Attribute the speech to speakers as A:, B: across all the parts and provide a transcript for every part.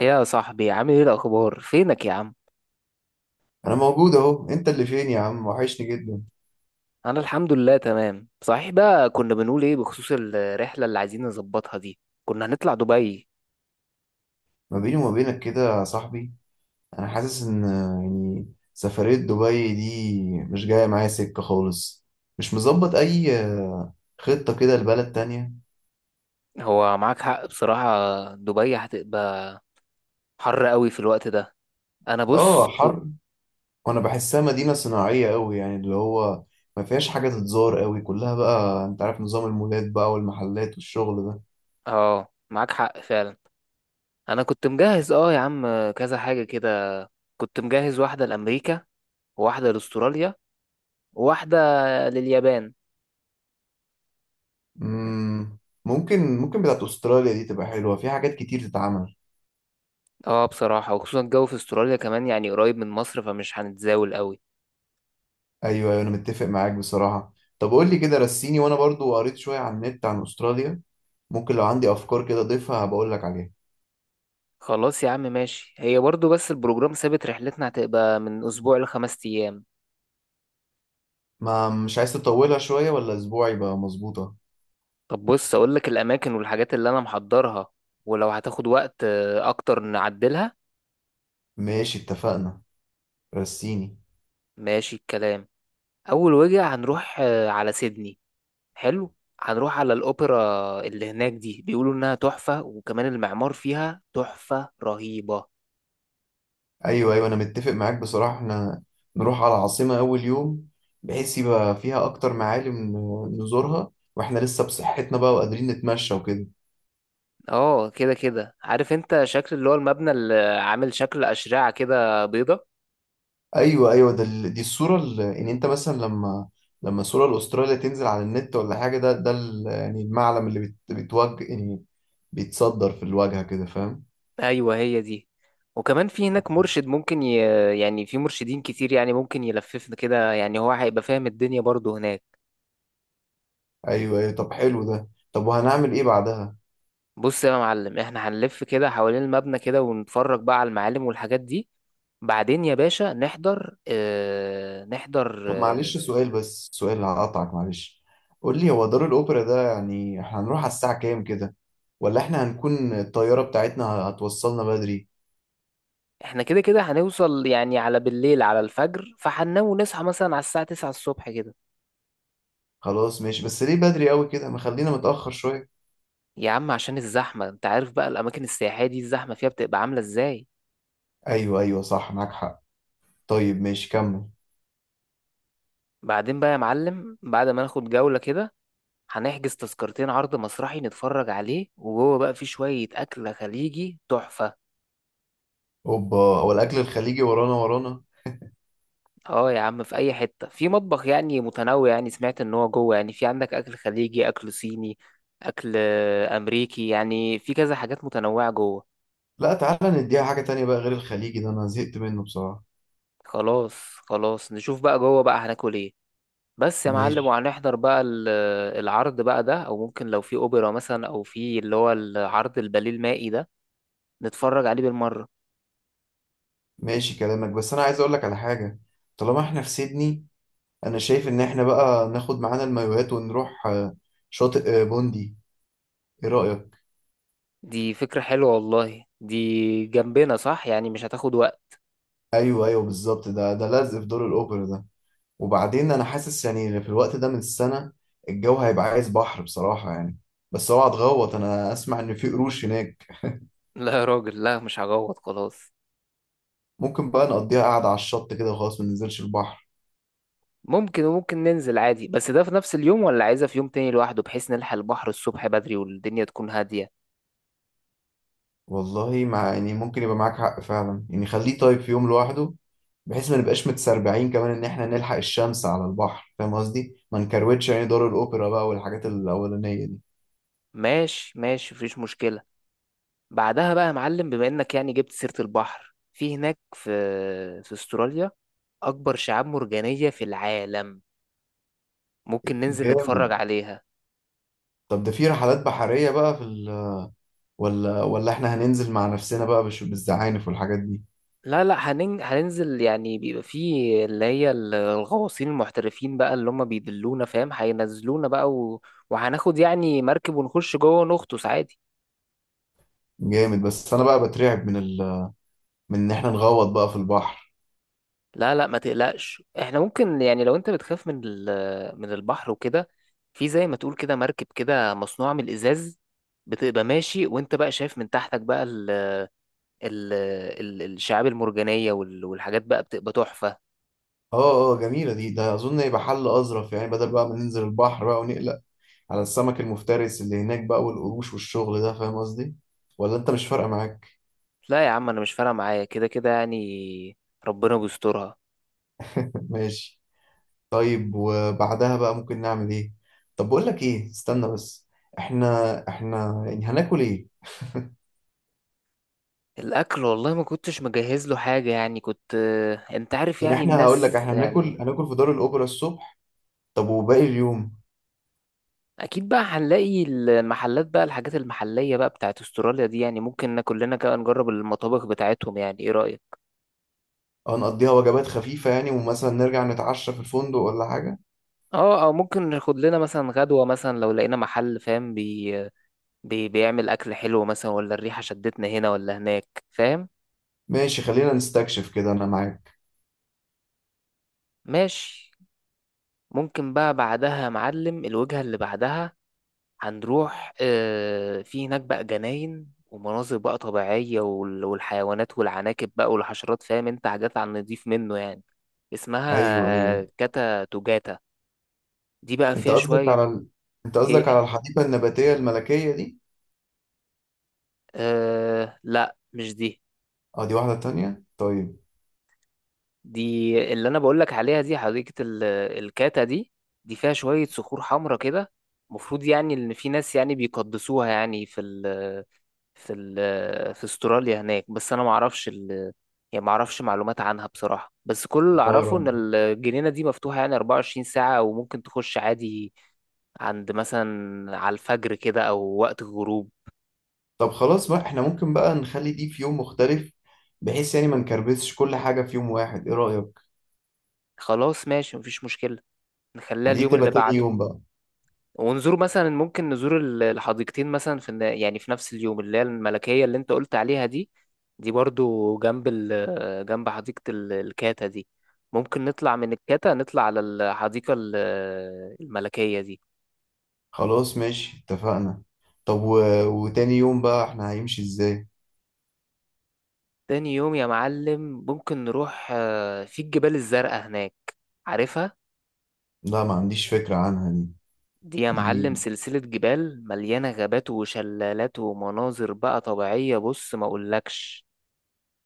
A: إيه يا صاحبي، عامل ايه؟ الاخبار فينك يا عم؟
B: انا موجود اهو، انت اللي فين يا عم؟ وحشني جدا.
A: انا الحمد لله تمام. صحيح بقى، كنا بنقول ايه بخصوص الرحله اللي عايزين نظبطها دي؟ كنا هنطلع دبي.
B: ما بيني وما بينك كده يا صاحبي، انا حاسس ان سفرية دبي دي مش جاية معايا سكة خالص. مش مظبط اي خطة كده لبلد تانية.
A: هو معاك حق بصراحه، دبي هتبقى حر قوي في الوقت ده. انا بص
B: اه
A: كنت.
B: حر، وانا بحسها مدينة صناعية قوي، يعني اللي هو ما فيهاش حاجة تتزار قوي، كلها بقى انت عارف نظام المولات بقى والمحلات والشغل ده.
A: اه، معاك حق فعلا. انا كنت مجهز يا عم كذا حاجه كده. كنت مجهز واحده لامريكا، وواحده لاستراليا، وواحده لليابان.
B: مم، ممكن بتاعت استراليا دي تبقى حلوة، في حاجات كتير تتعمل.
A: اه بصراحه، وخصوصا الجو في استراليا كمان يعني قريب من مصر فمش هنتزاول قوي.
B: ايوه ايوه، انا متفق معاك بصراحه. طب قول لي كده رسيني، وانا برضو قريت شويه عن النت عن استراليا، ممكن لو عندي افكار كده اضيفها بقول لك عليها.
A: خلاص يا عم ماشي، هي برضو بس البروجرام ثابت، رحلتنا هتبقى من اسبوع لخمس ايام.
B: ما مش عايز تطولها شويه؟ ولا اسبوع يبقى مظبوطه.
A: طب بص اقول لك الاماكن والحاجات اللي انا محضرها، ولو هتاخد وقت اكتر نعدلها.
B: ماشي اتفقنا، رسيني.
A: ماشي الكلام. اول وجهة هنروح على سيدني. حلو. هنروح على الاوبرا، اللي هناك دي بيقولوا انها تحفة، وكمان المعمار فيها تحفة رهيبة.
B: ايوه ايوه، انا متفق معاك بصراحه. احنا نروح على العاصمه اول يوم، بحيث يبقى فيها اكتر معالم نزورها، واحنا لسه بصحتنا بقى وقادرين نتمشى وكده.
A: اه، كده كده عارف انت شكل اللي هو المبنى اللي عامل شكل اشرعة كده بيضة.
B: ايوه ايوه، دي الصوره انت مثلا لما الصوره الاستراليا تنزل على النت ولا حاجه، ده يعني المعلم اللي بتوجه يعني، بيتصدر في الواجهه كده، فاهم.
A: ايوه هي دي. وكمان في هناك مرشد، يعني في مرشدين كتير يعني ممكن يلففنا كده، يعني هو هيبقى فاهم الدنيا برضه هناك.
B: ايوه ايوه، طب حلو ده. طب وهنعمل ايه بعدها؟
A: بص يا معلم، احنا هنلف كده حوالين المبنى كده ونتفرج بقى على المعالم والحاجات دي. بعدين يا باشا، نحضر اه... نحضر
B: طب
A: اه...
B: معلش سؤال، بس سؤال هقطعك معلش. قول لي، هو دار الاوبرا ده يعني احنا هنروح على الساعه كام كده؟ ولا احنا هنكون الطياره بتاعتنا هتوصلنا بدري؟
A: احنا كده كده هنوصل يعني على بالليل على الفجر، فهننام ونصحى مثلا على الساعة 9 الصبح كده.
B: خلاص ماشي، بس ليه بدري قوي كده؟ ما خلينا متاخر شويه.
A: يا عم عشان الزحمة، انت عارف بقى الأماكن السياحية دي الزحمة فيها بتبقى عاملة ازاي.
B: ايوه ايوه صح، معاك حق. طيب ماشي، كمل.
A: بعدين بقى يا معلم، بعد ما ناخد جولة كده، هنحجز تذكرتين عرض مسرحي نتفرج عليه، وجوه بقى في شوية أكل خليجي تحفة.
B: اوبا، هو الاكل الخليجي ورانا ورانا؟
A: اه يا عم، في أي حتة في مطبخ يعني متنوع، يعني سمعت إن هو جوه يعني في عندك أكل خليجي، أكل صيني، أكل أمريكي، يعني في كذا حاجات متنوعة جوه.
B: لا تعالى نديها حاجه تانية بقى غير الخليجي ده، انا زهقت منه بصراحه.
A: خلاص، خلاص، نشوف بقى جوه بقى هناكل إيه. بس يا معلم،
B: ماشي
A: العرض بقى ده، أو ممكن لو في أوبرا مثلا، أو في اللي هو العرض الباليه المائي ده، نتفرج عليه بالمرة.
B: ماشي كلامك، بس انا عايز اقول لك على حاجه. طالما احنا في سيدني، انا شايف ان احنا بقى ناخد معانا المايوهات ونروح شاطئ بوندي. ايه رايك؟
A: دي فكرة حلوة والله، دي جنبنا صح يعني مش هتاخد وقت.
B: ايوه ايوه بالظبط، ده ده لازق في دور الاوبرا ده. وبعدين انا حاسس يعني في الوقت ده من السنه الجو هيبقى عايز بحر بصراحه يعني. بس اوعى تغوط، انا اسمع ان في قروش هناك.
A: لا يا راجل، لا مش هجوط خلاص.
B: ممكن بقى نقضيها قاعده على الشط كده وخلاص، ما ننزلش البحر.
A: ممكن، وممكن ننزل عادي، بس ده في نفس اليوم ولا عايزة في يوم تاني لوحده بحيث نلحق البحر الصبح بدري والدنيا تكون هادية؟
B: والله مع يعني، ممكن يبقى معاك حق فعلا يعني، خليه طيب في يوم لوحده، بحيث ما نبقاش متسربعين كمان ان احنا نلحق الشمس على البحر، فاهم قصدي؟ ما نكروتش يعني دار الاوبرا بقى والحاجات الاولانيه دي.
A: ماشي، ماشي، مفيش مشكلة. بعدها بقى يا معلم، بما انك يعني جبت سيرة البحر في هناك، في استراليا أكبر شعاب مرجانية في العالم، ممكن ننزل نتفرج
B: جامد.
A: عليها.
B: طب ده في رحلات بحريه بقى في ولا ولا احنا هننزل مع نفسنا بقى بالزعانف والحاجات دي؟
A: لا لا، هننزل يعني، بيبقى فيه اللي هي الغواصين المحترفين بقى اللي هم بيدلونا، فاهم؟ هينزلونا بقى و... وهناخد يعني مركب ونخش جوه ونغطس عادي.
B: جامد، بس انا بقى بترعب من من ان احنا نغوط بقى في البحر.
A: لا لا، ما تقلقش. احنا ممكن يعني لو انت بتخاف من من البحر وكده، في زي ما تقول كده مركب كده مصنوعة من الإزاز، بتبقى ماشي وانت بقى شايف من تحتك بقى الشعاب المرجانية والحاجات بقى بتبقى تحفة.
B: اه، اه جميله دي، ده اظن يبقى حل اظرف يعني، بدل بقى ما ننزل البحر بقى ونقلق على السمك المفترس اللي هناك بقى والقروش والشغل ده، فاهم قصدي؟ ولا انت مش فارقه معاك.
A: لا يا عم، انا مش فارقة معايا كده كده يعني، ربنا بيسترها.
B: ماشي. طيب وبعدها بقى ممكن نعمل ايه؟ طب بقول لك ايه، استنى بس، احنا يعني هناكل ايه؟
A: الاكل والله ما كنتش مجهز له حاجه، يعني كنت، انت عارف
B: يعني
A: يعني
B: احنا هقول لك،
A: الناس
B: احنا هناكل
A: يعني.
B: هناكل في دار الاوبرا الصبح، طب وباقي اليوم؟
A: اكيد بقى هنلاقي المحلات بقى، الحاجات المحليه بقى بتاعت استراليا دي، يعني ممكن ناكل لنا كده، نجرب المطابخ بتاعتهم، يعني ايه رايك؟
B: هنقضيها وجبات خفيفه يعني، ومثلا نرجع نتعشى في الفندق ولا حاجه.
A: اه، او ممكن ناخد لنا مثلا غدوه مثلا، لو لقينا محل فاهم بيعمل اكل حلو مثلا، ولا الريحه شدتنا هنا ولا هناك، فاهم؟
B: ماشي خلينا نستكشف كده، انا معاك.
A: ماشي. ممكن بقى بعدها يا معلم الوجهه اللي بعدها، هنروح في هناك بقى جناين ومناظر بقى طبيعية والحيوانات والعناكب بقى والحشرات، فاهم؟ انت حاجات على النضيف منه يعني،
B: ايوه ايوه،
A: اسمها كاتا توجاتا. دي بقى
B: انت
A: فيها
B: قصدك
A: شوية.
B: على انت قصدك على
A: ايه؟
B: الحديقه النباتيه الملكيه دي؟
A: آه لا، مش دي.
B: اه دي واحده تانية، طيب.
A: دي اللي انا بقولك عليها دي حديقة الكاتا دي، دي فيها شوية صخور حمرا كده، المفروض يعني ان في ناس يعني بيقدسوها يعني في استراليا هناك، بس انا ما اعرفش يعني ما اعرفش معلومات عنها بصراحة. بس كل اللي اعرفه ان
B: طيب
A: الجنينة دي مفتوحة يعني 24 ساعة، وممكن تخش عادي عند مثلا على الفجر كده او وقت الغروب.
B: طب خلاص بقى، احنا ممكن بقى نخلي دي في يوم مختلف، بحيث يعني ما نكربسش كل حاجة في يوم واحد، ايه رأيك؟
A: خلاص ماشي، مفيش مشكلة. نخليها
B: يعني دي
A: اليوم
B: تبقى
A: اللي
B: تاني
A: بعده.
B: يوم بقى.
A: ونزور مثلا، ممكن نزور الحديقتين مثلا يعني في نفس اليوم، اللي هي الملكية اللي انت قلت عليها دي. دي برضو جنب جنب حديقة الكاتا دي. ممكن نطلع من الكاتا نطلع على الحديقة الملكية دي.
B: خلاص ماشي اتفقنا. طب وتاني يوم بقى احنا هيمشي ازاي؟
A: تاني يوم يا معلم، ممكن نروح في الجبال الزرقاء هناك، عارفها؟
B: لا ما عنديش فكرة عنها دي.
A: دي يا
B: دي
A: معلم سلسلة جبال مليانة غابات وشلالات ومناظر بقى طبيعية، بص ما اقولكش.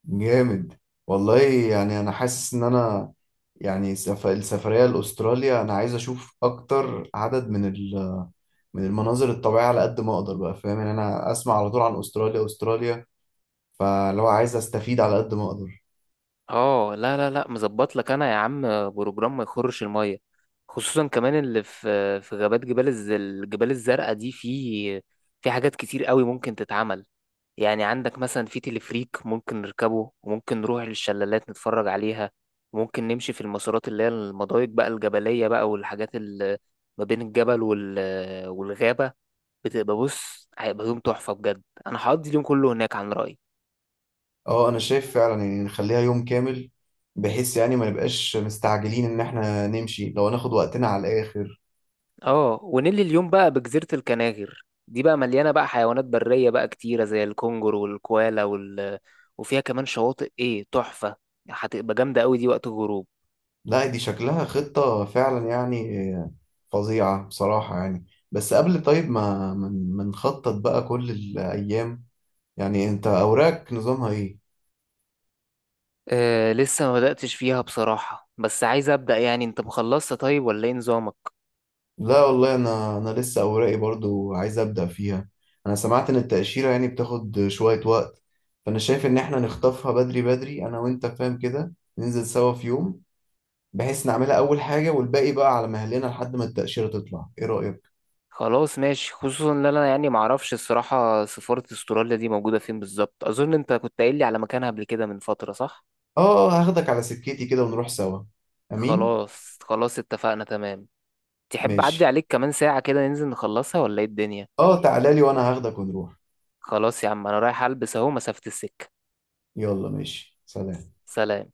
B: جامد والله، يعني انا حاسس ان انا يعني السفرية لأستراليا أنا عايز أشوف أكتر عدد من من المناظر الطبيعية على قد ما أقدر بقى، فاهم يعني؟ أنا أسمع على طول عن أستراليا أستراليا، فلو عايز أستفيد على قد ما أقدر.
A: اه لا لا لا، مظبط لك انا يا عم بروجرام ما يخرش الميه. خصوصا كمان اللي في غابات جبال الجبال الزرقاء دي، في حاجات كتير قوي ممكن تتعمل. يعني عندك مثلا في تلفريك ممكن نركبه، وممكن نروح للشلالات نتفرج عليها. ممكن نمشي في المسارات اللي هي المضايق بقى الجبلية بقى والحاجات اللي ما بين الجبل والغابة، بتبقى بص هيبقى يوم تحفة بجد. انا هقضي اليوم كله هناك عن رأيي.
B: اه انا شايف فعلا، يعني نخليها يوم كامل، بحيث يعني ما نبقاش مستعجلين، ان احنا نمشي لو هناخد وقتنا على الاخر.
A: اه، ونيلي اليوم بقى بجزيرة الكناغر دي بقى مليانة بقى حيوانات برية بقى كتيرة زي الكونجر والكوالا وفيها كمان شواطئ ايه تحفة، هتبقى جامدة قوي دي وقت الغروب.
B: لا دي شكلها خطة فعلا يعني، فظيعة بصراحة يعني. بس قبل طيب ما نخطط بقى كل الايام، يعني انت اوراقك نظامها ايه؟
A: آه، لسه ما بدأتش فيها بصراحة، بس عايز أبدأ. يعني انت مخلصت طيب؟ ولا ايه نظامك؟
B: لا والله، انا لسه اوراقي برضو عايز ابدأ فيها. انا سمعت ان التأشيرة يعني بتاخد شوية وقت، فانا شايف ان احنا نخطفها بدري بدري انا وانت، فاهم كده؟ ننزل سوا في يوم، بحيث نعملها اول حاجه، والباقي بقى على مهلنا لحد ما التاشيره تطلع. ايه رايك؟
A: خلاص ماشي، خصوصا ان انا يعني معرفش الصراحة سفارة استراليا دي موجودة فين بالظبط. اظن انت كنت قايل لي على مكانها قبل كده من فترة، صح؟
B: اه. هاخدك على سكتي كده ونروح سوا. امين.
A: خلاص، خلاص، اتفقنا تمام. تحب أعدي
B: ماشي.
A: عليك كمان ساعة كده ننزل نخلصها، ولا ايه الدنيا؟
B: اه تعالى لي وانا هاخدك ونروح.
A: خلاص يا عم، انا رايح البس اهو مسافة السكة.
B: يلا ماشي، سلام.
A: سلام.